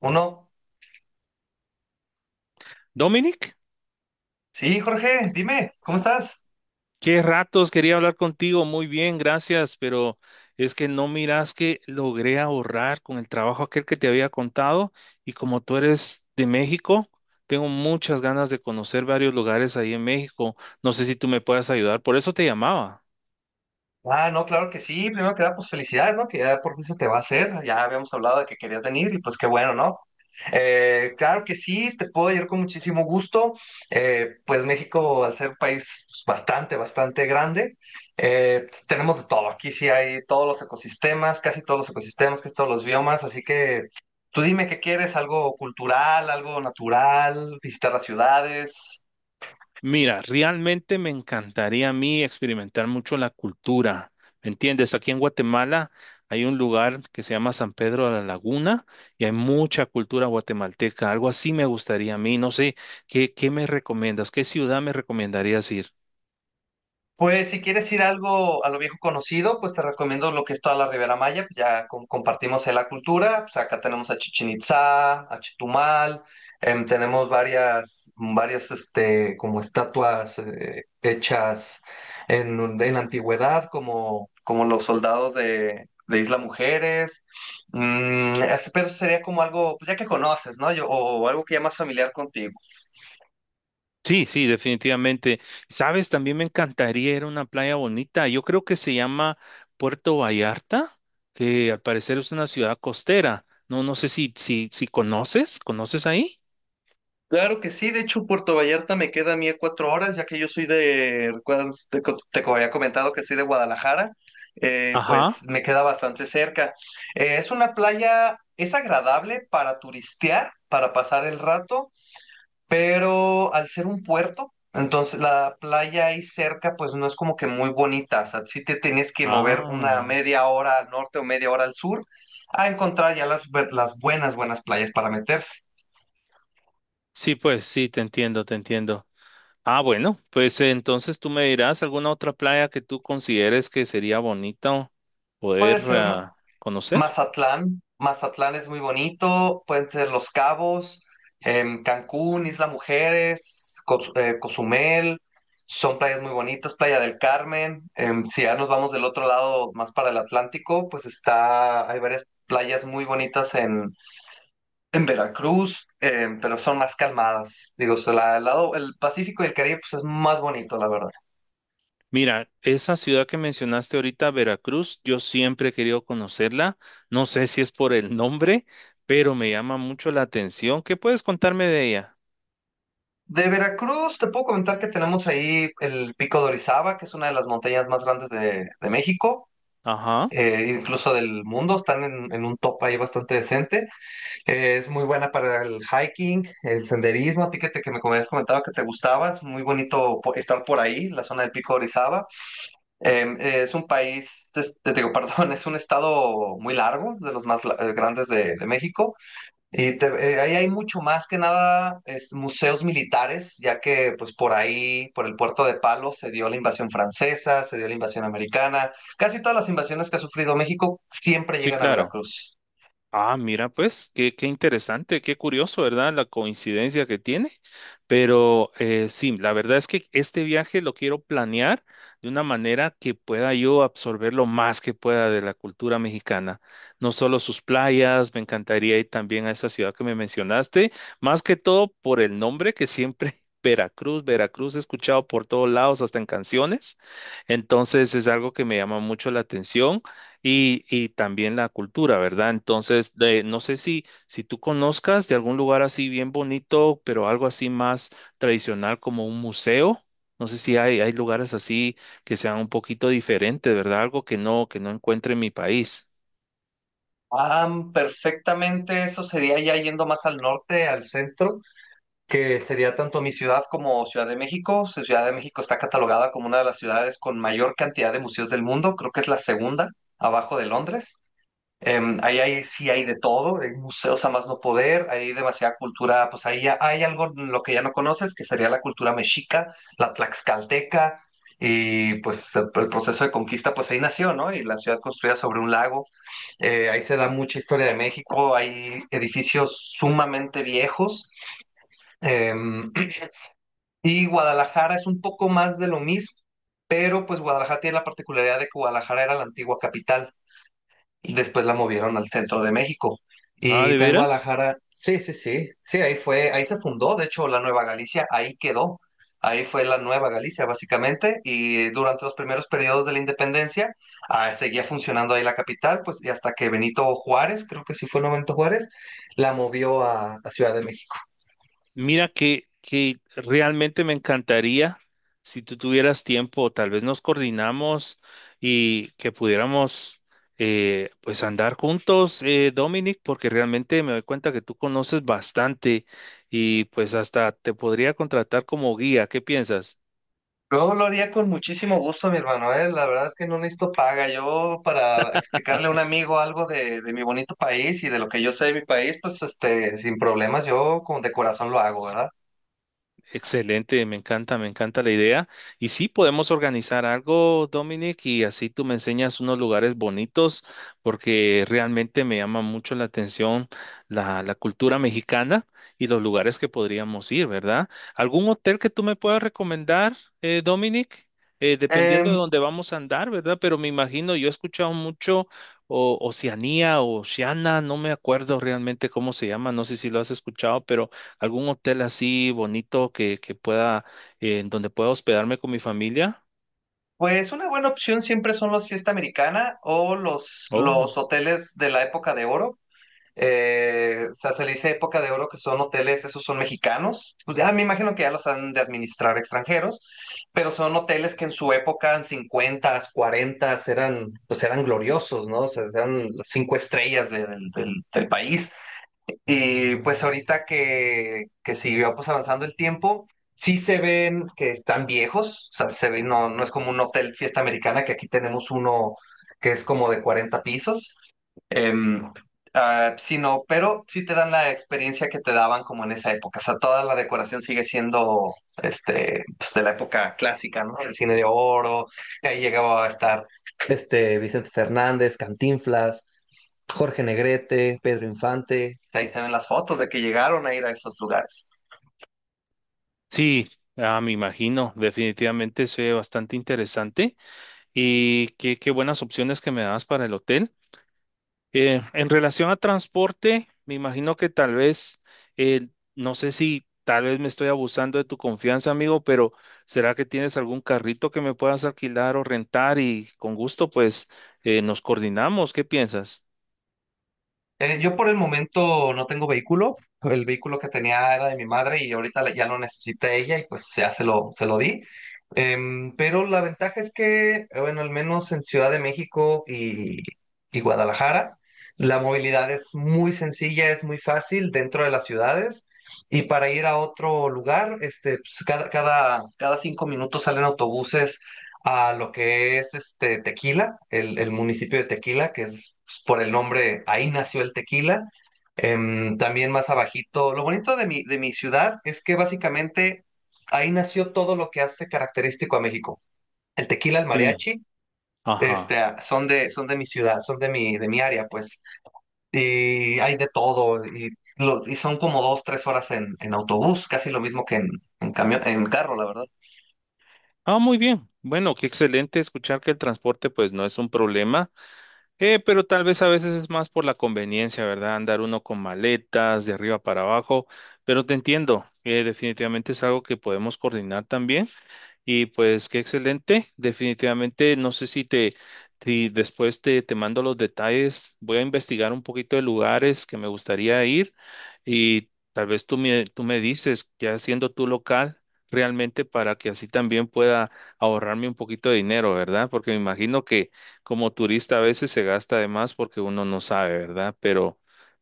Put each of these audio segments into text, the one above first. Uno. Dominic, Sí, Jorge, dime, ¿cómo estás? qué ratos quería hablar contigo. Muy bien, gracias, pero es que no miras que logré ahorrar con el trabajo aquel que te había contado y como tú eres de México, tengo muchas ganas de conocer varios lugares ahí en México. No sé si tú me puedas ayudar, por eso te llamaba. Ah, no, claro que sí. Primero que nada, pues felicidades, ¿no? Que ya por fin se te va a hacer. Ya habíamos hablado de que querías venir y pues qué bueno, ¿no? Claro que sí, te puedo ir con muchísimo gusto. Pues México, al ser un país pues, bastante, bastante grande, tenemos de todo. Aquí sí hay todos los ecosistemas, casi todos los ecosistemas, casi todos los biomas. Así que tú dime qué quieres, algo cultural, algo natural, visitar las ciudades. Mira, realmente me encantaría a mí experimentar mucho la cultura, ¿me entiendes? Aquí en Guatemala hay un lugar que se llama San Pedro de la Laguna y hay mucha cultura guatemalteca, algo así me gustaría a mí, no sé, ¿Qué me recomiendas? ¿Qué ciudad me recomendarías ir? Pues si quieres ir algo a lo viejo conocido, pues te recomiendo lo que es toda la Ribera Maya, pues ya compartimos ahí la cultura, pues acá tenemos a Chichén Itzá, a Chetumal. Tenemos varias este, como estatuas hechas en la antigüedad, como, como los soldados de Isla Mujeres. Pero sería como algo, pues ya que conoces, ¿no? Yo, o algo que ya más familiar contigo. Sí, sí, definitivamente. ¿Sabes? También me encantaría ir a una playa bonita, yo creo que se llama Puerto Vallarta, que al parecer es una ciudad costera, no, no sé si conoces, ¿conoces ahí? Claro que sí, de hecho Puerto Vallarta me queda a mí a 4 horas, ya que yo soy de, recuerdas, te había comentado que soy de Guadalajara. Pues Ajá. me queda bastante cerca. Es una playa, es agradable para turistear, para pasar el rato, pero al ser un puerto, entonces la playa ahí cerca pues no es como que muy bonita, o sea, sí te tienes que mover una Ah, media hora al norte o media hora al sur a encontrar ya las buenas, buenas playas para meterse. sí, pues sí, te entiendo, te entiendo. Ah, bueno, pues entonces tú me dirás alguna otra playa que tú consideres que sería bonito poder Puede ser conocer. Mazatlán, Mazatlán es muy bonito, pueden ser Los Cabos, Cancún, Isla Mujeres, Cozumel, son playas muy bonitas, Playa del Carmen. Si ya nos vamos del otro lado, más para el Atlántico, pues hay varias playas muy bonitas en Veracruz. Pero son más calmadas, digo, o sea, el lado, el Pacífico y el Caribe, pues es más bonito, la verdad. Mira, esa ciudad que mencionaste ahorita, Veracruz, yo siempre he querido conocerla. No sé si es por el nombre, pero me llama mucho la atención. ¿Qué puedes contarme de ella? De Veracruz, te puedo comentar que tenemos ahí el Pico de Orizaba, que es una de las montañas más grandes de México. Ajá, Incluso del mundo, están en un top ahí bastante decente. Es muy buena para el hiking, el senderismo, a ti que, que me habías comentado que te gustaba, es muy bonito estar por ahí, la zona del Pico de Orizaba. Es un país, te digo, perdón, es un estado muy largo, de los más grandes de México. Y ahí hay mucho más que nada es, museos militares, ya que pues por ahí, por el puerto de Palos, se dio la invasión francesa, se dio la invasión americana. Casi todas las invasiones que ha sufrido México siempre sí, llegan a claro. Veracruz. Ah, mira, pues, qué interesante, qué curioso, ¿verdad? La coincidencia que tiene. Pero sí, la verdad es que este viaje lo quiero planear de una manera que pueda yo absorber lo más que pueda de la cultura mexicana. No solo sus playas, me encantaría ir también a esa ciudad que me mencionaste, más que todo por el nombre que siempre... Veracruz, Veracruz, he escuchado por todos lados, hasta en canciones. Entonces es algo que me llama mucho la atención. Y también la cultura, ¿verdad? Entonces, de, no sé si tú conozcas de algún lugar así bien bonito, pero algo así más tradicional como un museo. No sé si hay lugares así que sean un poquito diferentes, ¿verdad? Algo que no encuentre en mi país. Ah, perfectamente, eso sería ya yendo más al norte, al centro, que sería tanto mi ciudad como Ciudad de México. Ciudad de México está catalogada como una de las ciudades con mayor cantidad de museos del mundo, creo que es la segunda, abajo de Londres. Ahí sí hay de todo, hay museos a más no poder, hay demasiada cultura, pues ahí hay algo en lo que ya no conoces, que sería la cultura mexica, la tlaxcalteca, y pues el proceso de conquista, pues ahí nació, ¿no? Y la ciudad construida sobre un lago. Ahí se da mucha historia de México, hay edificios sumamente viejos. em, y Guadalajara es un poco más de lo mismo, pero pues Guadalajara tiene la particularidad de que Guadalajara era la antigua capital. Después la movieron al centro de México. Ah, Y ¿de está en veras? Guadalajara. Sí, sí, sí. Sí, ahí fue, ahí se fundó, de hecho, la Nueva Galicia, ahí quedó. Ahí fue la Nueva Galicia, básicamente. Y durante los primeros periodos de la independencia, seguía funcionando ahí la capital, pues, y hasta que Benito Juárez, creo que sí fue el Benito Juárez, la movió a Ciudad de México. Mira que realmente me encantaría si tú tuvieras tiempo, tal vez nos coordinamos y que pudiéramos pues andar juntos, Dominic, porque realmente me doy cuenta que tú conoces bastante y pues hasta te podría contratar como guía. ¿Qué piensas? Yo lo haría con muchísimo gusto, mi hermano, ¿eh? La verdad es que no necesito paga. Yo, para explicarle a un amigo algo de mi bonito país y de lo que yo sé de mi país, pues, este, sin problemas, yo con de corazón lo hago, ¿verdad? Excelente, me encanta la idea. Y sí, podemos organizar algo, Dominic, y así tú me enseñas unos lugares bonitos, porque realmente me llama mucho la atención la cultura mexicana y los lugares que podríamos ir, ¿verdad? ¿Algún hotel que tú me puedas recomendar, Dominic? Dependiendo de Em, dónde vamos a andar, ¿verdad? Pero me imagino, yo he escuchado mucho o, Oceanía o Oceana, no me acuerdo realmente cómo se llama, no sé si lo has escuchado, pero algún hotel así bonito que pueda, en donde pueda hospedarme con mi familia. pues una buena opción siempre son las fiesta americana o los, Oh, los hoteles de la época de oro. O sea, se le dice época de oro que son hoteles, esos son mexicanos. Pues ya me imagino que ya los han de administrar extranjeros, pero son hoteles que en su época, en 50, 40, eran, pues eran gloriosos, ¿no? O sea, eran las cinco estrellas del país. Y pues ahorita que siguió pues avanzando el tiempo, sí se ven que están viejos, o sea, se ven, no, no es como un hotel fiesta americana, que aquí tenemos uno que es como de 40 pisos. Em, sí, no, pero sí te dan la experiencia que te daban como en esa época, o sea, toda la decoración sigue siendo este, pues, de la época clásica, ¿no? El cine de oro, y ahí llegaba a estar este Vicente Fernández, Cantinflas, Jorge Negrete, Pedro Infante. Ahí se ven las fotos de que llegaron a ir a esos lugares. sí, ah, me imagino, definitivamente se ve bastante interesante y qué buenas opciones que me das para el hotel. En relación a transporte, me imagino que tal vez, eh, no sé si tal vez me estoy abusando de tu confianza, amigo, pero ¿será que tienes algún carrito que me puedas alquilar o rentar y con gusto pues nos coordinamos? ¿Qué piensas? Yo por el momento no tengo vehículo. El vehículo que tenía era de mi madre y ahorita ya lo necesita ella y pues ya se lo di. Pero la ventaja es que, bueno, al menos en Ciudad de México y Guadalajara, la movilidad es muy sencilla, es muy fácil dentro de las ciudades. Y para ir a otro lugar, este, pues, cada 5 minutos salen autobuses a lo que es este, Tequila, el municipio de Tequila, que es por el nombre, ahí nació el tequila. También más abajito, lo bonito de mi ciudad es que básicamente ahí nació todo lo que hace característico a México. El tequila, el Sí. mariachi, este, Ajá. Son de mi ciudad, son de mi área, pues. Y hay de todo, y son como 2, 3 horas en autobús, casi lo mismo que en camión, en carro, la verdad. Ah, muy bien. Bueno, qué excelente escuchar que el transporte pues no es un problema, pero tal vez a veces es más por la conveniencia, ¿verdad? Andar uno con maletas de arriba para abajo, pero te entiendo, definitivamente es algo que podemos coordinar también. Y pues qué excelente. Definitivamente, no sé si te, si después te, te mando los detalles. Voy a investigar un poquito de lugares que me gustaría ir y tal vez tú me dices, ya siendo tu local, realmente para que así también pueda ahorrarme un poquito de dinero, ¿verdad? Porque me imagino que como turista a veces se gasta de más porque uno no sabe, ¿verdad? Pero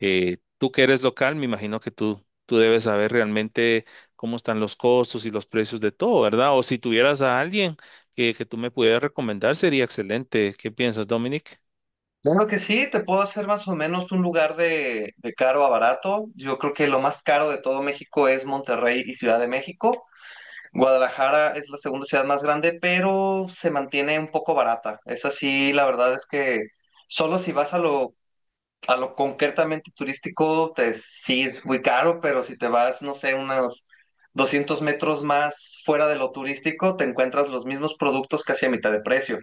tú que eres local, me imagino que tú debes saber realmente cómo están los costos y los precios de todo, ¿verdad? O si tuvieras a alguien que tú me pudieras recomendar, sería excelente. ¿Qué piensas, Dominic? Claro que sí, te puedo hacer más o menos un lugar de caro a barato. Yo creo que lo más caro de todo México es Monterrey y Ciudad de México. Guadalajara es la segunda ciudad más grande, pero se mantiene un poco barata. Es así, la verdad es que solo si vas a lo, concretamente turístico, sí es muy caro, pero si te vas, no sé, unos 200 metros más fuera de lo turístico, te encuentras los mismos productos casi a mitad de precio.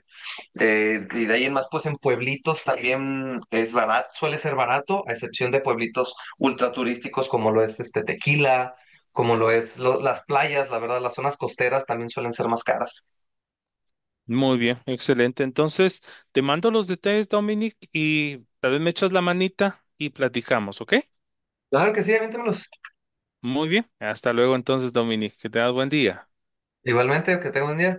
Y de ahí en más, pues en pueblitos también es barato, suele ser barato, a excepción de pueblitos ultraturísticos como lo es este Tequila, como lo es las playas, la verdad, las zonas costeras también suelen ser más caras. Muy bien, excelente. Entonces, te mando los detalles, Dominic, y tal vez me echas la manita y platicamos, ¿ok? Claro que sí, aviéntamelos. Muy bien. Hasta luego entonces, Dominic. Que tengas buen día. Igualmente, que tenga un día.